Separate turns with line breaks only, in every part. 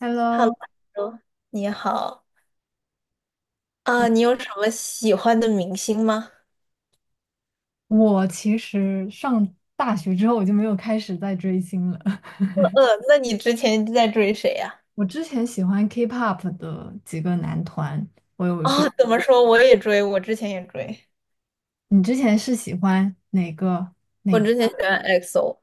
Hello，
Hello，你好啊你有什么喜欢的明星吗？
我其实上大学之后我就没有开始再追星了。
那你之前在追谁呀？
我之前喜欢 K-pop 的几个男团，我有追。
哦，怎么说？我也追，我之前也追，
你之前是喜欢哪个
我
哪家
之前喜欢 EXO。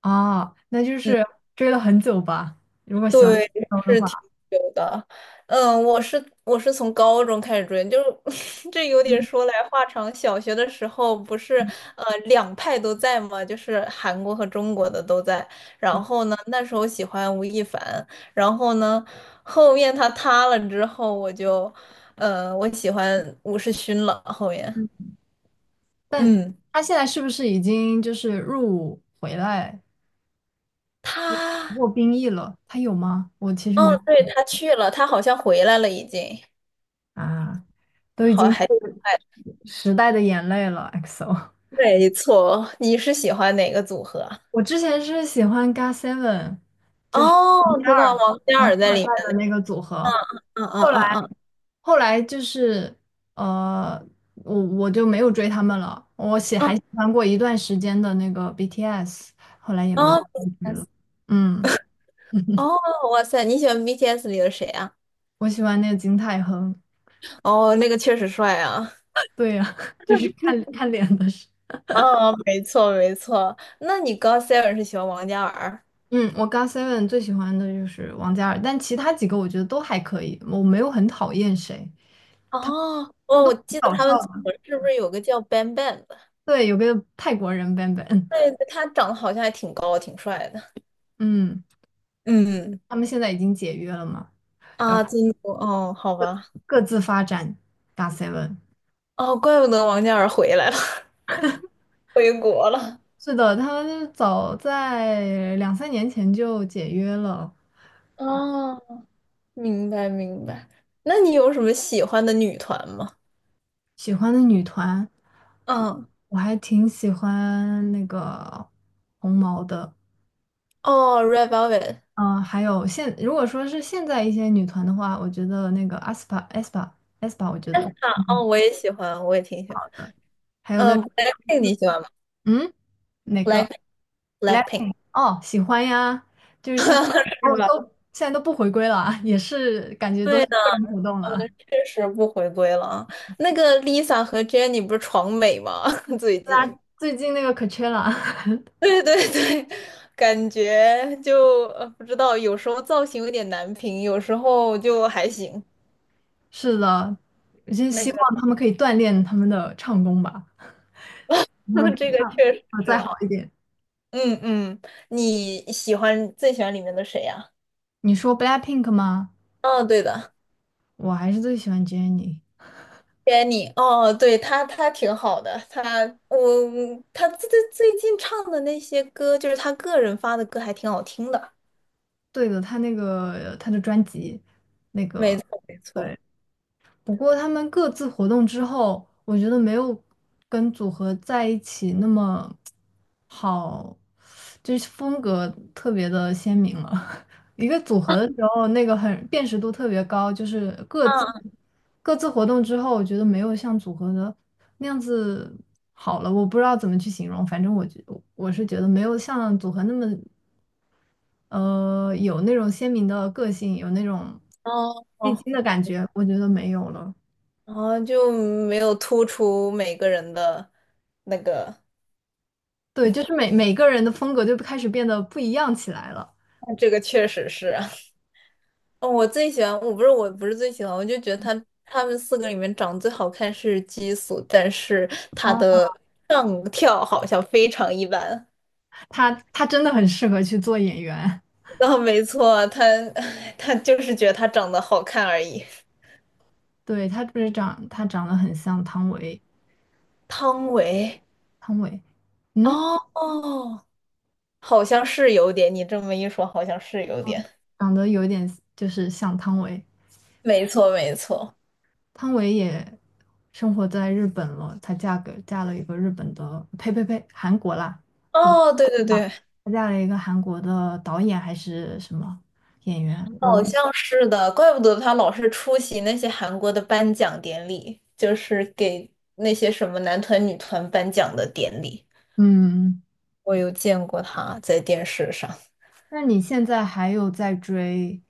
啊？那就
嗯。
是追了很久吧。如果喜欢
对，
高的
是挺
话，
久的。嗯，我是从高中开始追，就是 这有点
嗯
说来话长。小学的时候不是两派都在嘛，就是韩国和中国的都在。然后呢，那时候喜欢吴亦凡，然后呢，后面他塌了之后，我喜欢吴世勋了。后面，
嗯，但
嗯，
他现在是不是已经就是入伍回来
他
过兵役了？他有吗？我其实
哦，
没
对，他去了，他好像回来了，已经，
啊，都已
好
经
还。
是时代的眼泪了，EXO。
没错，你是喜欢哪个组合？
我之前是喜欢 GOT7，就是
哦，知道王嘉
王
尔在
太
里
太
面。
的那个组合，
嗯嗯
后来
嗯嗯
后来就是呃，我就没有追他们了。我喜
嗯，
还喜欢过一段时间的那个 BTS，后来也没有
哦 b T
追了。
S
嗯，
哦，哇塞，你喜欢 BTS 里的谁啊？
我喜欢那个金泰亨。
哦，那个确实帅啊。
对呀、就是看看脸的事。
哦，没错没错。那你 g o e n 是喜欢王嘉尔？
嗯，我 GOT7 最喜欢的就是王嘉尔，但其他几个我觉得都还可以，我没有很讨厌谁，
哦，
他们
哦，
都
我
挺
记得
搞笑
他们组
的。
合是不是有个叫 Bang Bang 的？
对，有个泰国人 Ban Ban，
对，对他长得好像还挺高，挺帅的。
嗯。
嗯，
他们现在已经解约了嘛，然后
啊，真的哦，好吧，
各自发展 g o t n
哦，怪不得王嘉尔回来了，回国了。
是的，他们早在两三年前就解约了。
哦。明白明白。那你有什么喜欢的女团吗？
喜欢的女团，
嗯
我还挺喜欢那个红毛的。
哦，Red Velvet，
嗯、还有现如果说是现在一些女团的话，我觉得那个 a s p a 我觉得
啊，哦，
嗯，
我也喜欢，我也挺喜欢。
还有那
嗯，Blackpink 你喜欢吗
嗯哪个？
？Black Blackpink
哦，喜欢呀，就是现在
是
哦，
吧？
都现在都不回归了啊也是感觉都
对
是
的，
个人活动了。
确实不回归了啊。那个 Lisa 和 Jennie 不是闯美吗？最
大
近，
家最近那个可缺了，
对对对，感觉就不知道，有时候造型有点难评，有时候就还行。
是的，我就
那
希
个，
望他们可以锻炼他们的唱功吧，他们 可
这
以
个
唱
确实
啊
是
再好
啊。
一点。
嗯嗯，你喜欢最喜欢里面的谁呀、
你说 BLACKPINK 吗？
哦，对的
我还是最喜欢 Jennie。
，Jenny，哦，对，她挺好的，我她最近唱的那些歌，就是她个人发的歌，还挺好听的。
对的，她那个她的专辑，那个
没错，
对。不过他们各自活动之后，我觉得没有跟组合在一起那么好，就是风格特别的鲜明了。一个组合的时候，那个很辨识度特别高，就是各自
啊
各自活动之后，我觉得没有像组合的那样子好了。我不知道怎么去形容，反正我是觉得没有像组合那么有那种鲜明的个性，有那种
哦
立
哦，
精的感觉，我觉得没有了。
然后就没有突出每个人的那个，
对，就是每个人的风格就开始变得不一样起来了。
这个确实是，哦，我最喜欢，我不是最喜欢，我就觉得他们四个里面长得最好看是激素，但是他
啊，
的上跳好像非常一般。
他真的很适合去做演员。
啊，没错，他 他就是觉得他长得好看而已。
对，他不是长，他长得很像汤唯，
汤唯，
汤唯，嗯，
哦哦，好像是有点，你这么一说，好像是有点。
长得有点就是像汤唯。
没错，没错。
汤唯也生活在日本了，她嫁给嫁了一个日本的，呸呸呸，韩国啦，对，
哦，对对对，
她嫁了一个韩国的导演还是什么演员？我
好
忘，
像是的，怪不得他老是出席那些韩国的颁奖典礼，就是给那些什么男团、女团颁奖的典礼。
嗯，
我有见过他在电视上。
那你现在还有在追？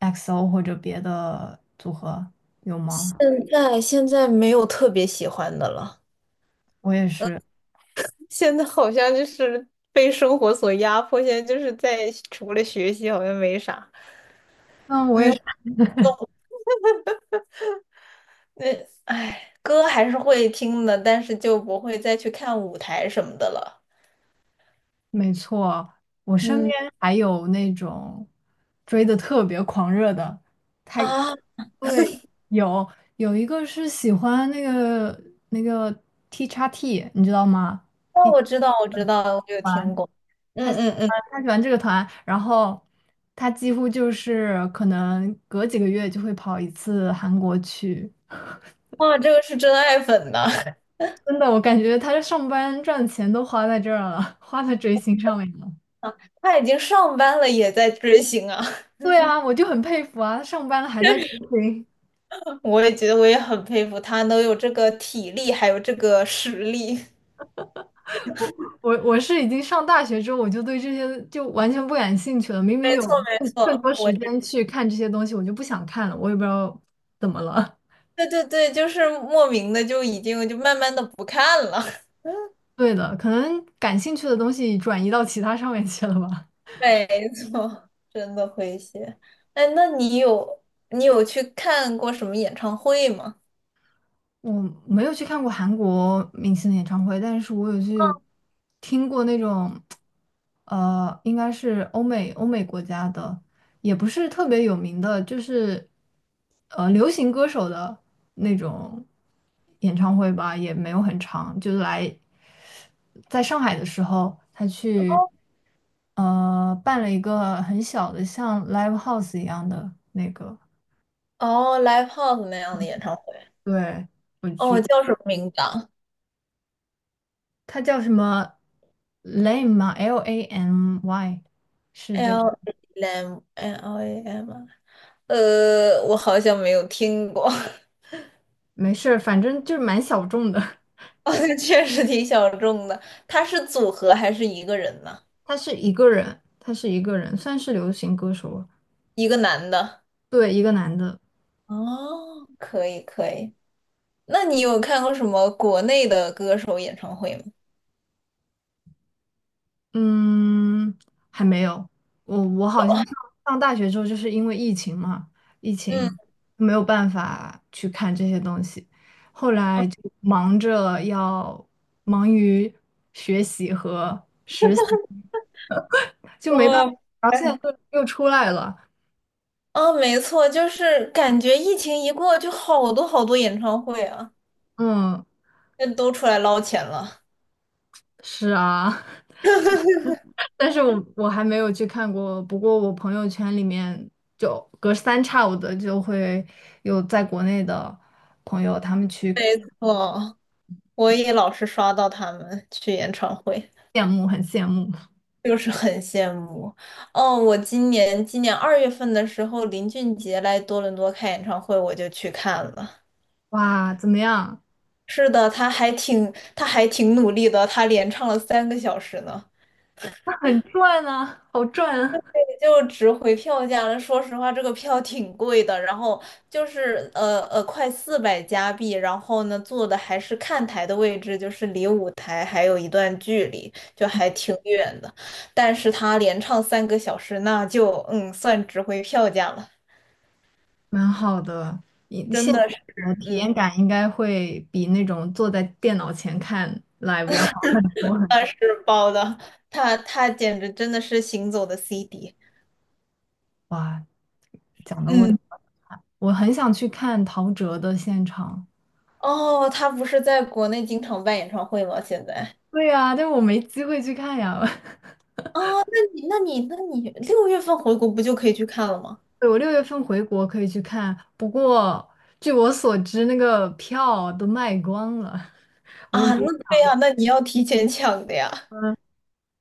XO 或者别的组合有
现
吗？
在现在没有特别喜欢的了，
我也是，
现在好像就是被生活所压迫，现在就是在除了学习好像没啥。
嗯，我
没
也
有，
是，
呃，哎，歌还是会听的，但是就不会再去看舞台什么的了。
没错。我身边
嗯。
还有那种追的特别狂热的，他
啊。
对有有一个是喜欢那个那个 T x T，你知道吗？B
哦，
T
我 知道，我知道，我有听
团，
过。嗯
他喜
嗯嗯，
他喜欢这个团，然后他几乎就是可能隔几个月就会跑一次韩国去。
哇，这个是真爱粉呐！
真的，我感觉他这上班赚钱都花在这儿了，花在追星上面了。
他已经上班了，也在追星啊！
对啊，我就很佩服啊，他上班了还在追星。
我也觉得，我也很佩服他，能有这个体力，还有这个实力。
我我是已经上大学之后，我就对这些就完全不感兴趣了。明
没
明有
错，没
更
错，
多时间去看这些东西，我就不想看了。我也不知道怎么了。
对对对，就是莫名的就已经就慢慢的不看了。
对的，可能感兴趣的东西转移到其他上面去了吧。
没错，真的会谢。哎，那你有去看过什么演唱会吗？
我没有去看过韩国明星的演唱会，但是我有去听过那种，应该是欧美国家的，也不是特别有名的，就是流行歌手的那种演唱会吧，也没有很长，就来在上海的时候，他去
哦
办了一个很小的像 live house 一样的那个，
哦，Live House 那样的演唱会。
对。我
哦，
去。
叫什么名字啊？
他叫什么 Lame 吗？L A M Y 是这个，
L A M l A M 啊我好像没有听过，
没事儿，反正就是蛮小众的。
好像确实挺小众的。他是组合还是一个人呢？
他是一个人，他是一个人，算是流行歌手了
一个男的。
对，一个男的，
哦，可以可以。那你有看过什么国内的歌手演唱会吗？
嗯，还没有。我好像上大学之后，就是因为疫情嘛，疫
嗯，
情没有办法去看这些东西，后来就忙着要忙于学习和实习，就没办法。
哦，
然后现在
哎，
又出来了。
哦，没错，就是感觉疫情一过，就好多好多演唱会啊，
嗯，
那都出来捞钱了。
是啊，但是我还没有去看过。不过我朋友圈里面就隔三差五的就会有在国内的朋友，他们去
没错，我也老是刷到他们去演唱会。
羡慕，很羡慕。
就是很羡慕。哦，我今年2月份的时候，林俊杰来多伦多开演唱会，我就去看了。
哇，怎么样？
是的，他还挺努力的，他连唱了三个小时呢，
那很赚啊，好赚啊
也就值回票价了。说实话，这个票挺贵的，然后就是快400加币，然后呢，坐的还是看台的位置，就是离舞台还有一段距离，就还挺远的。但是他连唱三个小时，那就嗯，算值回票价了。
蛮好的。你
真
现
的是，
场的体
嗯，
验感应该会比那种坐在电脑前看 live 要好很多很
那
多。
是包的，他简直真的是行走的 CD。
哇，讲的我
嗯，
我很想去看陶喆的现场。
哦，他不是在国内经常办演唱会吗？现在
对呀，但是我没机会去看呀。
哦，那你6月份回国不就可以去看了吗？
对我六月份回国可以去看，不过据我所知，那个票都卖光了。
啊，那对呀，那你要提前抢的呀。
嗯，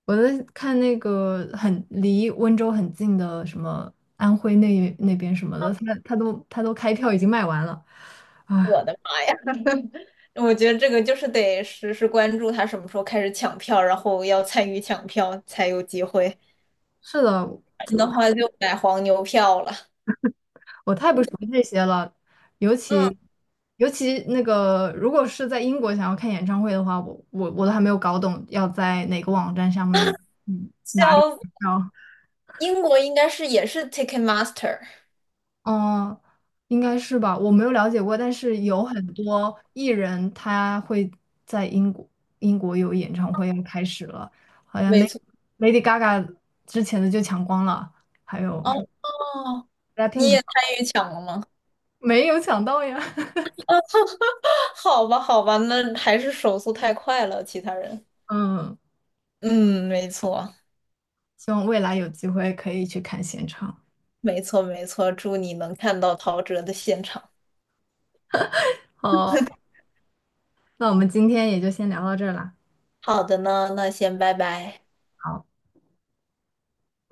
我在看那个很离温州很近的什么安徽那边什么的，他都开票已经卖完了。啊，
我的妈，我觉得这个就是得实时关注他什么时候开始抢票，然后要参与抢票才有机会，不
是的，
然的话就买黄牛票了。
我太不熟悉这些了，尤
嗯，
其尤其那个，如果是在英国想要看演唱会的话，我都还没有搞懂要在哪个网站上面，嗯，拿里
叫
买票。
英国应该是也是 Ticketmaster。
嗯，应该是吧，我没有了解过，但是有很多艺人他会在英国有演唱会要开始了，好像
没
Lady
错。
Lady Gaga 之前的就抢光了，还有
哦
什么
哦，你
BLACKPINK 啊
也参与抢了吗？
没有抢到呀。
好吧，好吧，那还是手速太快了，其他人。
嗯，
嗯，没错，
希望未来有机会可以去看现场。
没错，没错。祝你能看到陶喆的现场。
好，那我们今天也就先聊到这儿啦。
好的呢，那先拜拜。
好